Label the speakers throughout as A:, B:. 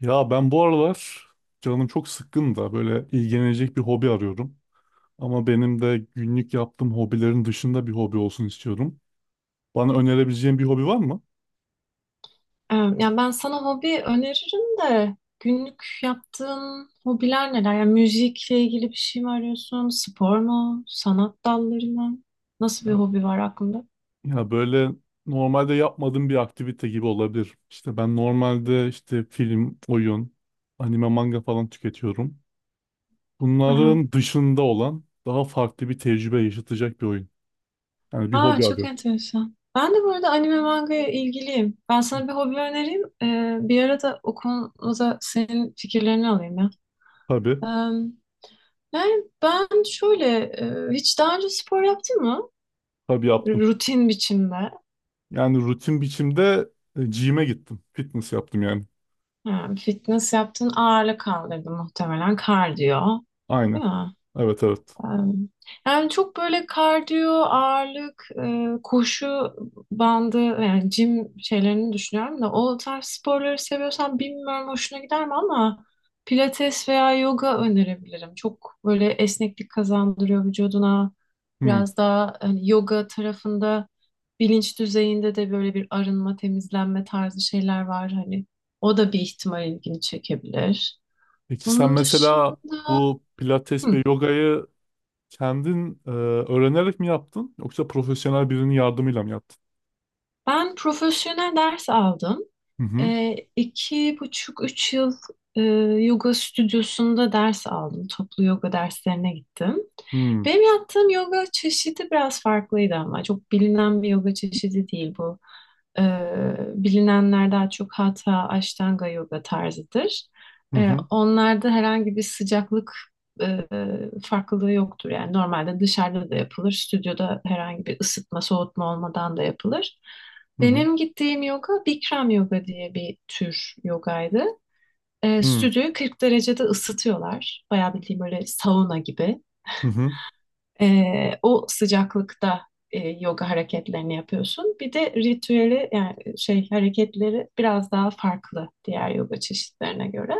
A: Ya ben bu aralar canım çok sıkkın da böyle ilgilenecek bir hobi arıyorum. Ama benim de günlük yaptığım hobilerin dışında bir hobi olsun istiyorum. Bana önerebileceğin bir hobi var mı?
B: Yani ben sana hobi öneririm de günlük yaptığın hobiler neler? Yani müzikle ilgili bir şey mi arıyorsun? Spor mu? Sanat dalları mı? Nasıl
A: Ya
B: bir hobi var aklında?
A: ya böyle normalde yapmadığım bir aktivite gibi olabilir. İşte ben normalde işte film, oyun, anime, manga falan tüketiyorum.
B: Aha.
A: Bunların dışında olan daha farklı bir tecrübe yaşatacak bir oyun. Yani bir
B: Aa,
A: hobi
B: çok
A: arıyorum.
B: enteresan. Ben de bu arada anime mangaya ilgiliyim. Ben sana bir hobi önereyim. Bir ara da o konuda senin fikirlerini alayım ya.
A: Tabii,
B: Ee, Yani ben şöyle hiç daha önce spor yaptın mı?
A: tabii yaptım.
B: Rutin biçimde.
A: Yani rutin biçimde gym'e gittim. Fitness yaptım yani.
B: Ha, fitness yaptın, ağırlık kaldırdı muhtemelen kardiyo.
A: Aynen.
B: Değil mi?
A: Evet, evet.
B: Em, Yani çok böyle kardiyo, ağırlık, koşu bandı yani jim şeylerini düşünüyorum da o tarz sporları seviyorsan bilmiyorum hoşuna gider mi ama pilates veya yoga önerebilirim. Çok böyle esneklik kazandırıyor vücuduna.
A: Hmm.
B: Biraz daha hani yoga tarafında bilinç düzeyinde de böyle bir arınma, temizlenme tarzı şeyler var hani. O da bir ihtimal ilgini çekebilir.
A: Peki sen
B: Onun dışında.
A: mesela bu pilates ve
B: Hı,
A: yogayı kendin öğrenerek mi yaptın yoksa profesyonel birinin yardımıyla mı yaptın?
B: ben profesyonel ders aldım.
A: Hı hı.
B: 2,5, 3 yıl e, yoga stüdyosunda ders aldım. Toplu yoga derslerine gittim.
A: Hmm.
B: Benim yaptığım yoga çeşidi biraz farklıydı ama çok bilinen bir yoga çeşidi değil bu. E, Bilinenler daha çok Hatha, Ashtanga yoga tarzıdır.
A: Hı hı.
B: Onlarda herhangi bir sıcaklık e, farklılığı yoktur. Yani normalde dışarıda da yapılır, stüdyoda herhangi bir ısıtma, soğutma olmadan da yapılır.
A: Hı hı.
B: Benim gittiğim yoga Bikram yoga diye bir tür yogaydı.
A: Hı
B: Stüdyoyu 40 derecede ısıtıyorlar. Bayağı bildiğim böyle sauna gibi.
A: hı. Hı.
B: E, O sıcaklıkta yoga hareketlerini yapıyorsun. Bir de ritüeli yani şey hareketleri biraz daha farklı diğer yoga çeşitlerine göre.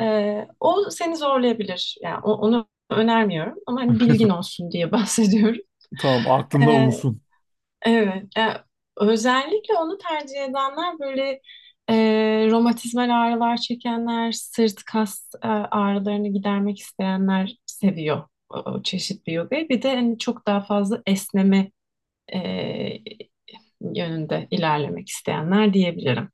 B: O seni zorlayabilir. Yani onu önermiyorum ama hani bilgin olsun diye bahsediyorum.
A: Tamam aklımda
B: E,
A: bulunsun.
B: Evet. Özellikle onu tercih edenler böyle e, romatizmal ağrılar çekenler, sırt kas ağrılarını gidermek isteyenler seviyor o çeşit bir yogayı. Bir de hani çok daha fazla esneme e, yönünde ilerlemek isteyenler diyebilirim.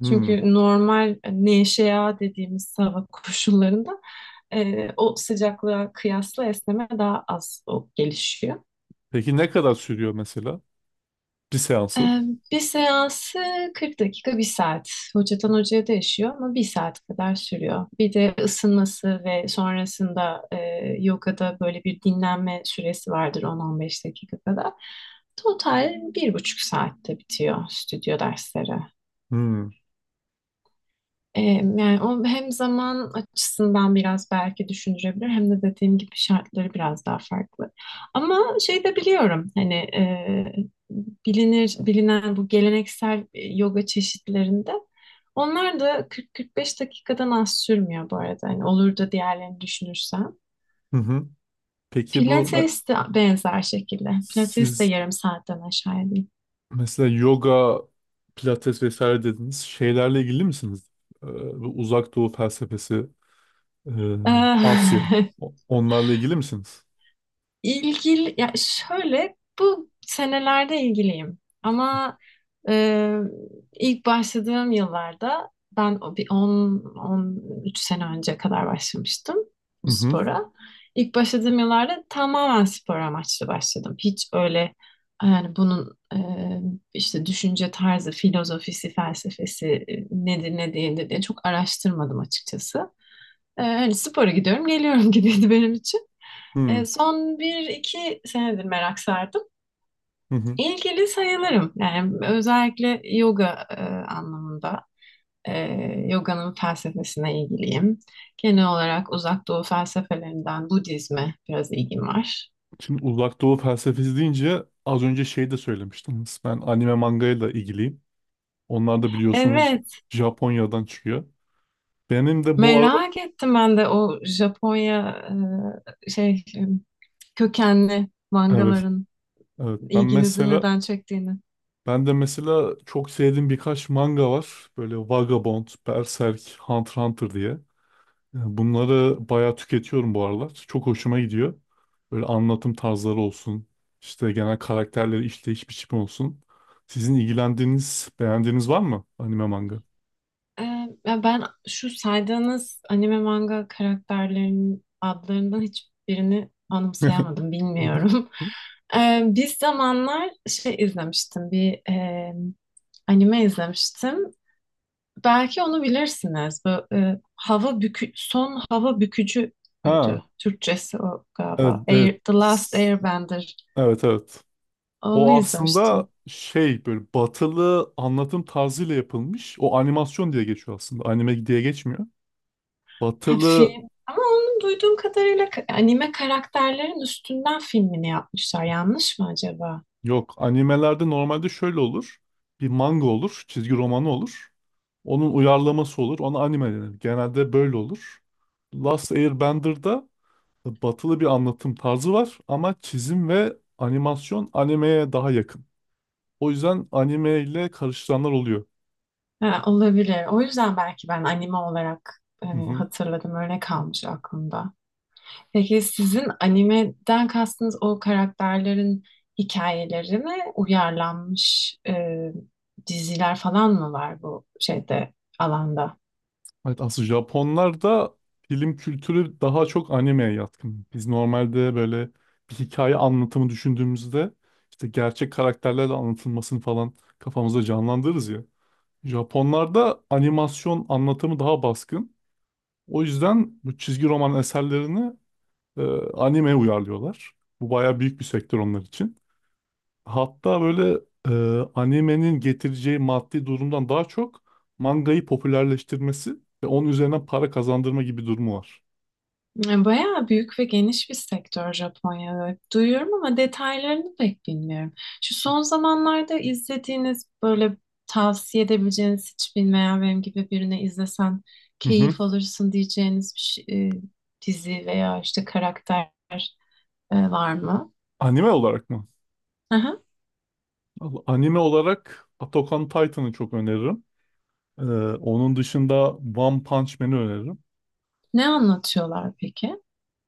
A: Hı.
B: Çünkü normal neşea dediğimiz hava koşullarında o sıcaklığa kıyasla esneme daha az o gelişiyor.
A: Peki ne kadar sürüyor mesela bir seansı?
B: Ee, Bir seansı 40 dakika, bir saat. Hocadan hocaya değişiyor ama bir saat kadar sürüyor. Bir de ısınması ve sonrasında yogada böyle bir dinlenme süresi vardır on 15 dakika kadar. Total 1,5 saatte bitiyor stüdyo dersleri.
A: Hı
B: Ee, Yani o hem zaman açısından biraz belki düşündürebilir hem de dediğim gibi şartları biraz daha farklı. Ama şey de biliyorum hani bilinir bilinen bu geleneksel yoga çeşitlerinde onlar da 40-45 dakikadan az sürmüyor bu arada. Hani olur da diğerlerini düşünürsem.
A: hı. Hı. Peki bu
B: Pilates de benzer şekilde. Pilates de
A: siz
B: yarım saatten aşağı değil.
A: mesela yoga, pilates vesaire dediniz. Şeylerle ilgili misiniz? Ee, Bu uzak doğu felsefesi, e, Asya. Onlarla ilgili misiniz?
B: İlgili, ya şöyle bu senelerde ilgiliyim ama e, ilk başladığım yıllarda ben o bir 10-13 sene önce kadar başlamıştım
A: Hı
B: bu
A: hı.
B: spora. İlk başladığım yıllarda tamamen spor amaçlı başladım. Hiç öyle yani bunun işte düşünce tarzı, filozofisi, felsefesi nedir ne değildir diye çok araştırmadım açıkçası. Hani spora gidiyorum geliyorum gibiydi benim için.
A: Hı
B: Son bir iki senedir merak sardım.
A: hı. Hı.
B: İlgili sayılırım. Yani özellikle yoga anlamında. E, Yoganın felsefesine ilgiliyim. Genel olarak Uzak Doğu felsefelerinden Budizme biraz ilgim var.
A: Şimdi uzak doğu felsefesi deyince az önce şey de söylemiştiniz. Ben anime mangayla ilgiliyim. Onlar da biliyorsunuz
B: Evet,
A: Japonya'dan çıkıyor. Benim de bu arada
B: merak ettim ben de o Japonya şey kökenli
A: evet,
B: mangaların
A: evet ben
B: ilginizi
A: mesela
B: neden çektiğini.
A: ben de mesela çok sevdiğim birkaç manga var. Böyle Vagabond, Berserk, Hunter x Hunter diye. Yani bunları bayağı tüketiyorum bu aralar. Çok hoşuma gidiyor. Böyle anlatım tarzları olsun, işte genel karakterleri işleyiş biçimi olsun. Sizin ilgilendiğiniz, beğendiğiniz var mı anime manga?
B: Ee, Ya ben şu saydığınız anime manga karakterlerinin adlarından hiçbirini anımsayamadım, bilmiyorum. Bir zamanlar şey izlemiştim, bir anime izlemiştim. Belki onu bilirsiniz. Bu son hava bükücü
A: Ha,
B: müydü? Türkçesi o
A: evet,
B: galiba.
A: evet.
B: Air, The Last Airbender.
A: Evet, evet.
B: Onu
A: O aslında
B: izlemiştim.
A: şey böyle batılı anlatım tarzıyla yapılmış. O animasyon diye geçiyor aslında. Anime diye geçmiyor.
B: Ha,
A: Batılı
B: film. Ama onun duyduğum kadarıyla anime karakterlerin üstünden filmini yapmışlar. Yanlış mı acaba?
A: yok. Animelerde normalde şöyle olur. Bir manga olur. Çizgi romanı olur. Onun uyarlaması olur. Ona anime denir. Genelde böyle olur. Last Airbender'da batılı bir anlatım tarzı var. Ama çizim ve animasyon animeye daha yakın. O yüzden anime ile karıştıranlar oluyor.
B: Ha, olabilir. O yüzden belki ben anime olarak
A: Hı
B: hani,
A: hı.
B: hatırladım. Öyle kalmış aklımda. Peki sizin animeden kastınız o karakterlerin hikayeleri uyarlanmış diziler falan mı var bu şeyde alanda?
A: Evet, aslında Japonlarda film kültürü daha çok animeye yatkın. Biz normalde böyle bir hikaye anlatımı düşündüğümüzde işte gerçek karakterlerle anlatılmasını falan kafamızda canlandırırız ya. Japonlarda animasyon anlatımı daha baskın. O yüzden bu çizgi roman eserlerini e, animeye uyarlıyorlar. Bu bayağı büyük bir sektör onlar için. Hatta böyle animenin getireceği maddi durumdan daha çok mangayı popülerleştirmesi ve onun üzerine para kazandırma gibi durumu var.
B: Yani bayağı büyük ve geniş bir sektör Japonya. Evet. Duyuyorum ama detaylarını pek bilmiyorum. Şu son zamanlarda izlediğiniz böyle tavsiye edebileceğiniz hiç bilmeyen benim gibi birine izlesen
A: Hı hı.
B: keyif alırsın diyeceğiniz bir dizi veya işte karakter var mı?
A: Anime olarak mı?
B: Aha.
A: Vallahi anime olarak Attack on Titan'ı çok öneririm. E, Onun dışında One Punch Man'i öneririm.
B: Ne anlatıyorlar peki?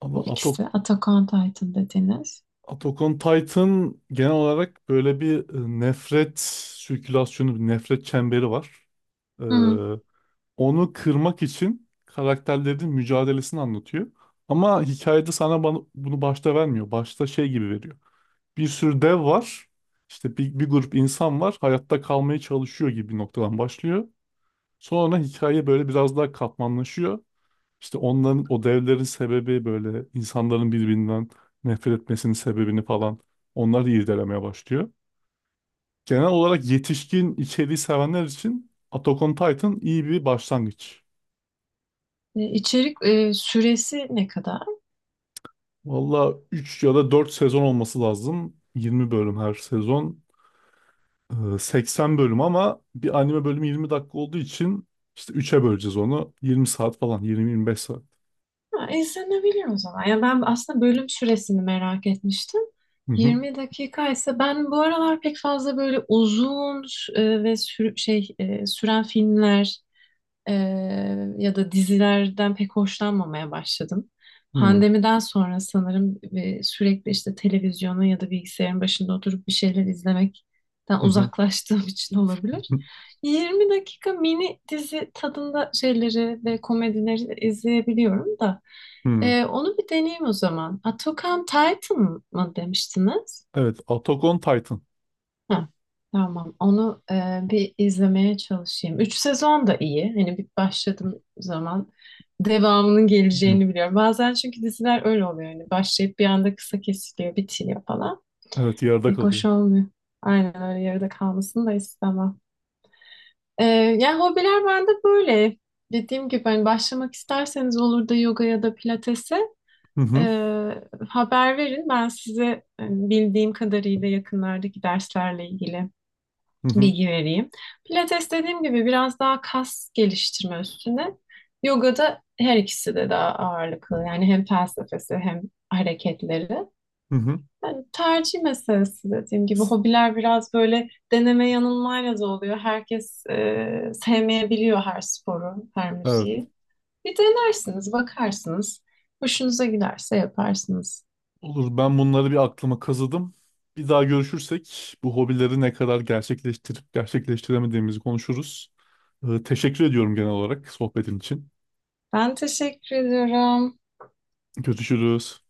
A: Ama
B: Bu
A: Attack,
B: ikisi Attack Titan dediniz.
A: Attack on Titan genel olarak böyle bir nefret sirkülasyonu, bir nefret çemberi var.
B: Hı.
A: Onu kırmak için karakterlerin mücadelesini anlatıyor. Ama hikayede bunu başta vermiyor. Başta şey gibi veriyor. Bir sürü dev var. İşte bir grup insan var. Hayatta kalmaya çalışıyor gibi bir noktadan başlıyor. Sonra hikaye böyle biraz daha katmanlaşıyor. İşte onların o devlerin sebebi böyle insanların birbirinden nefret etmesinin sebebini falan onları irdelemeye başlıyor. Genel olarak yetişkin içeriği sevenler için Attack on Titan iyi bir başlangıç.
B: İçerik süresi ne kadar?
A: Valla 3 ya da 4 sezon olması lazım. 20 bölüm her sezon. 80 bölüm ama bir anime bölümü 20 dakika olduğu için işte üç'e böleceğiz onu. 20 saat falan, 20-25 saat.
B: Ha, izlenebilir o zaman. Ya ben aslında bölüm süresini merak etmiştim.
A: Hı hı.
B: 20 dakika ise ben bu aralar pek fazla böyle uzun ve şey süren filmler, ya da dizilerden pek hoşlanmamaya başladım.
A: Hı hı.
B: Pandemiden sonra sanırım sürekli işte televizyonun ya da bilgisayarın başında oturup bir şeyler izlemekten
A: Hı
B: uzaklaştığım için olabilir.
A: hı,
B: 20 dakika mini dizi tadında şeyleri ve komedileri izleyebiliyorum da.
A: hı.
B: Onu bir deneyeyim o zaman. Attack on Titan mı demiştiniz?
A: Evet. Attack on Titan.
B: Ha, tamam. Onu bir izlemeye çalışayım. 3 sezon da iyi. Hani bir başladığım zaman devamının
A: Hı hı.
B: geleceğini biliyorum. Bazen çünkü diziler öyle oluyor. Hani başlayıp bir anda kısa kesiliyor, bitiyor falan.
A: Evet yarıda
B: Pek
A: kalıyor.
B: hoş olmuyor. Aynen öyle yarıda kalmasını da istemem. E, Yani hobiler bende böyle. Dediğim gibi hani başlamak isterseniz olur da yoga ya da pilatese
A: Hı
B: e,
A: hı.
B: haber verin. Ben size bildiğim kadarıyla yakınlardaki derslerle ilgili
A: Hı hı.
B: bilgi vereyim. Pilates dediğim gibi biraz daha kas geliştirme üstüne. Yoga'da her ikisi de daha ağırlıklı. Yani hem felsefesi hem hareketleri.
A: Hı hı.
B: Yani tercih meselesi dediğim gibi. Hobiler biraz böyle deneme yanılmayla da oluyor. Herkes sevmeyebiliyor her sporu, her
A: Evet.
B: müziği. Bir denersiniz, bakarsınız. Hoşunuza giderse yaparsınız.
A: Olur, ben bunları bir aklıma kazıdım. Bir daha görüşürsek bu hobileri ne kadar gerçekleştirip gerçekleştiremediğimizi konuşuruz. Teşekkür ediyorum genel olarak sohbetin için.
B: Ben teşekkür ediyorum.
A: Görüşürüz.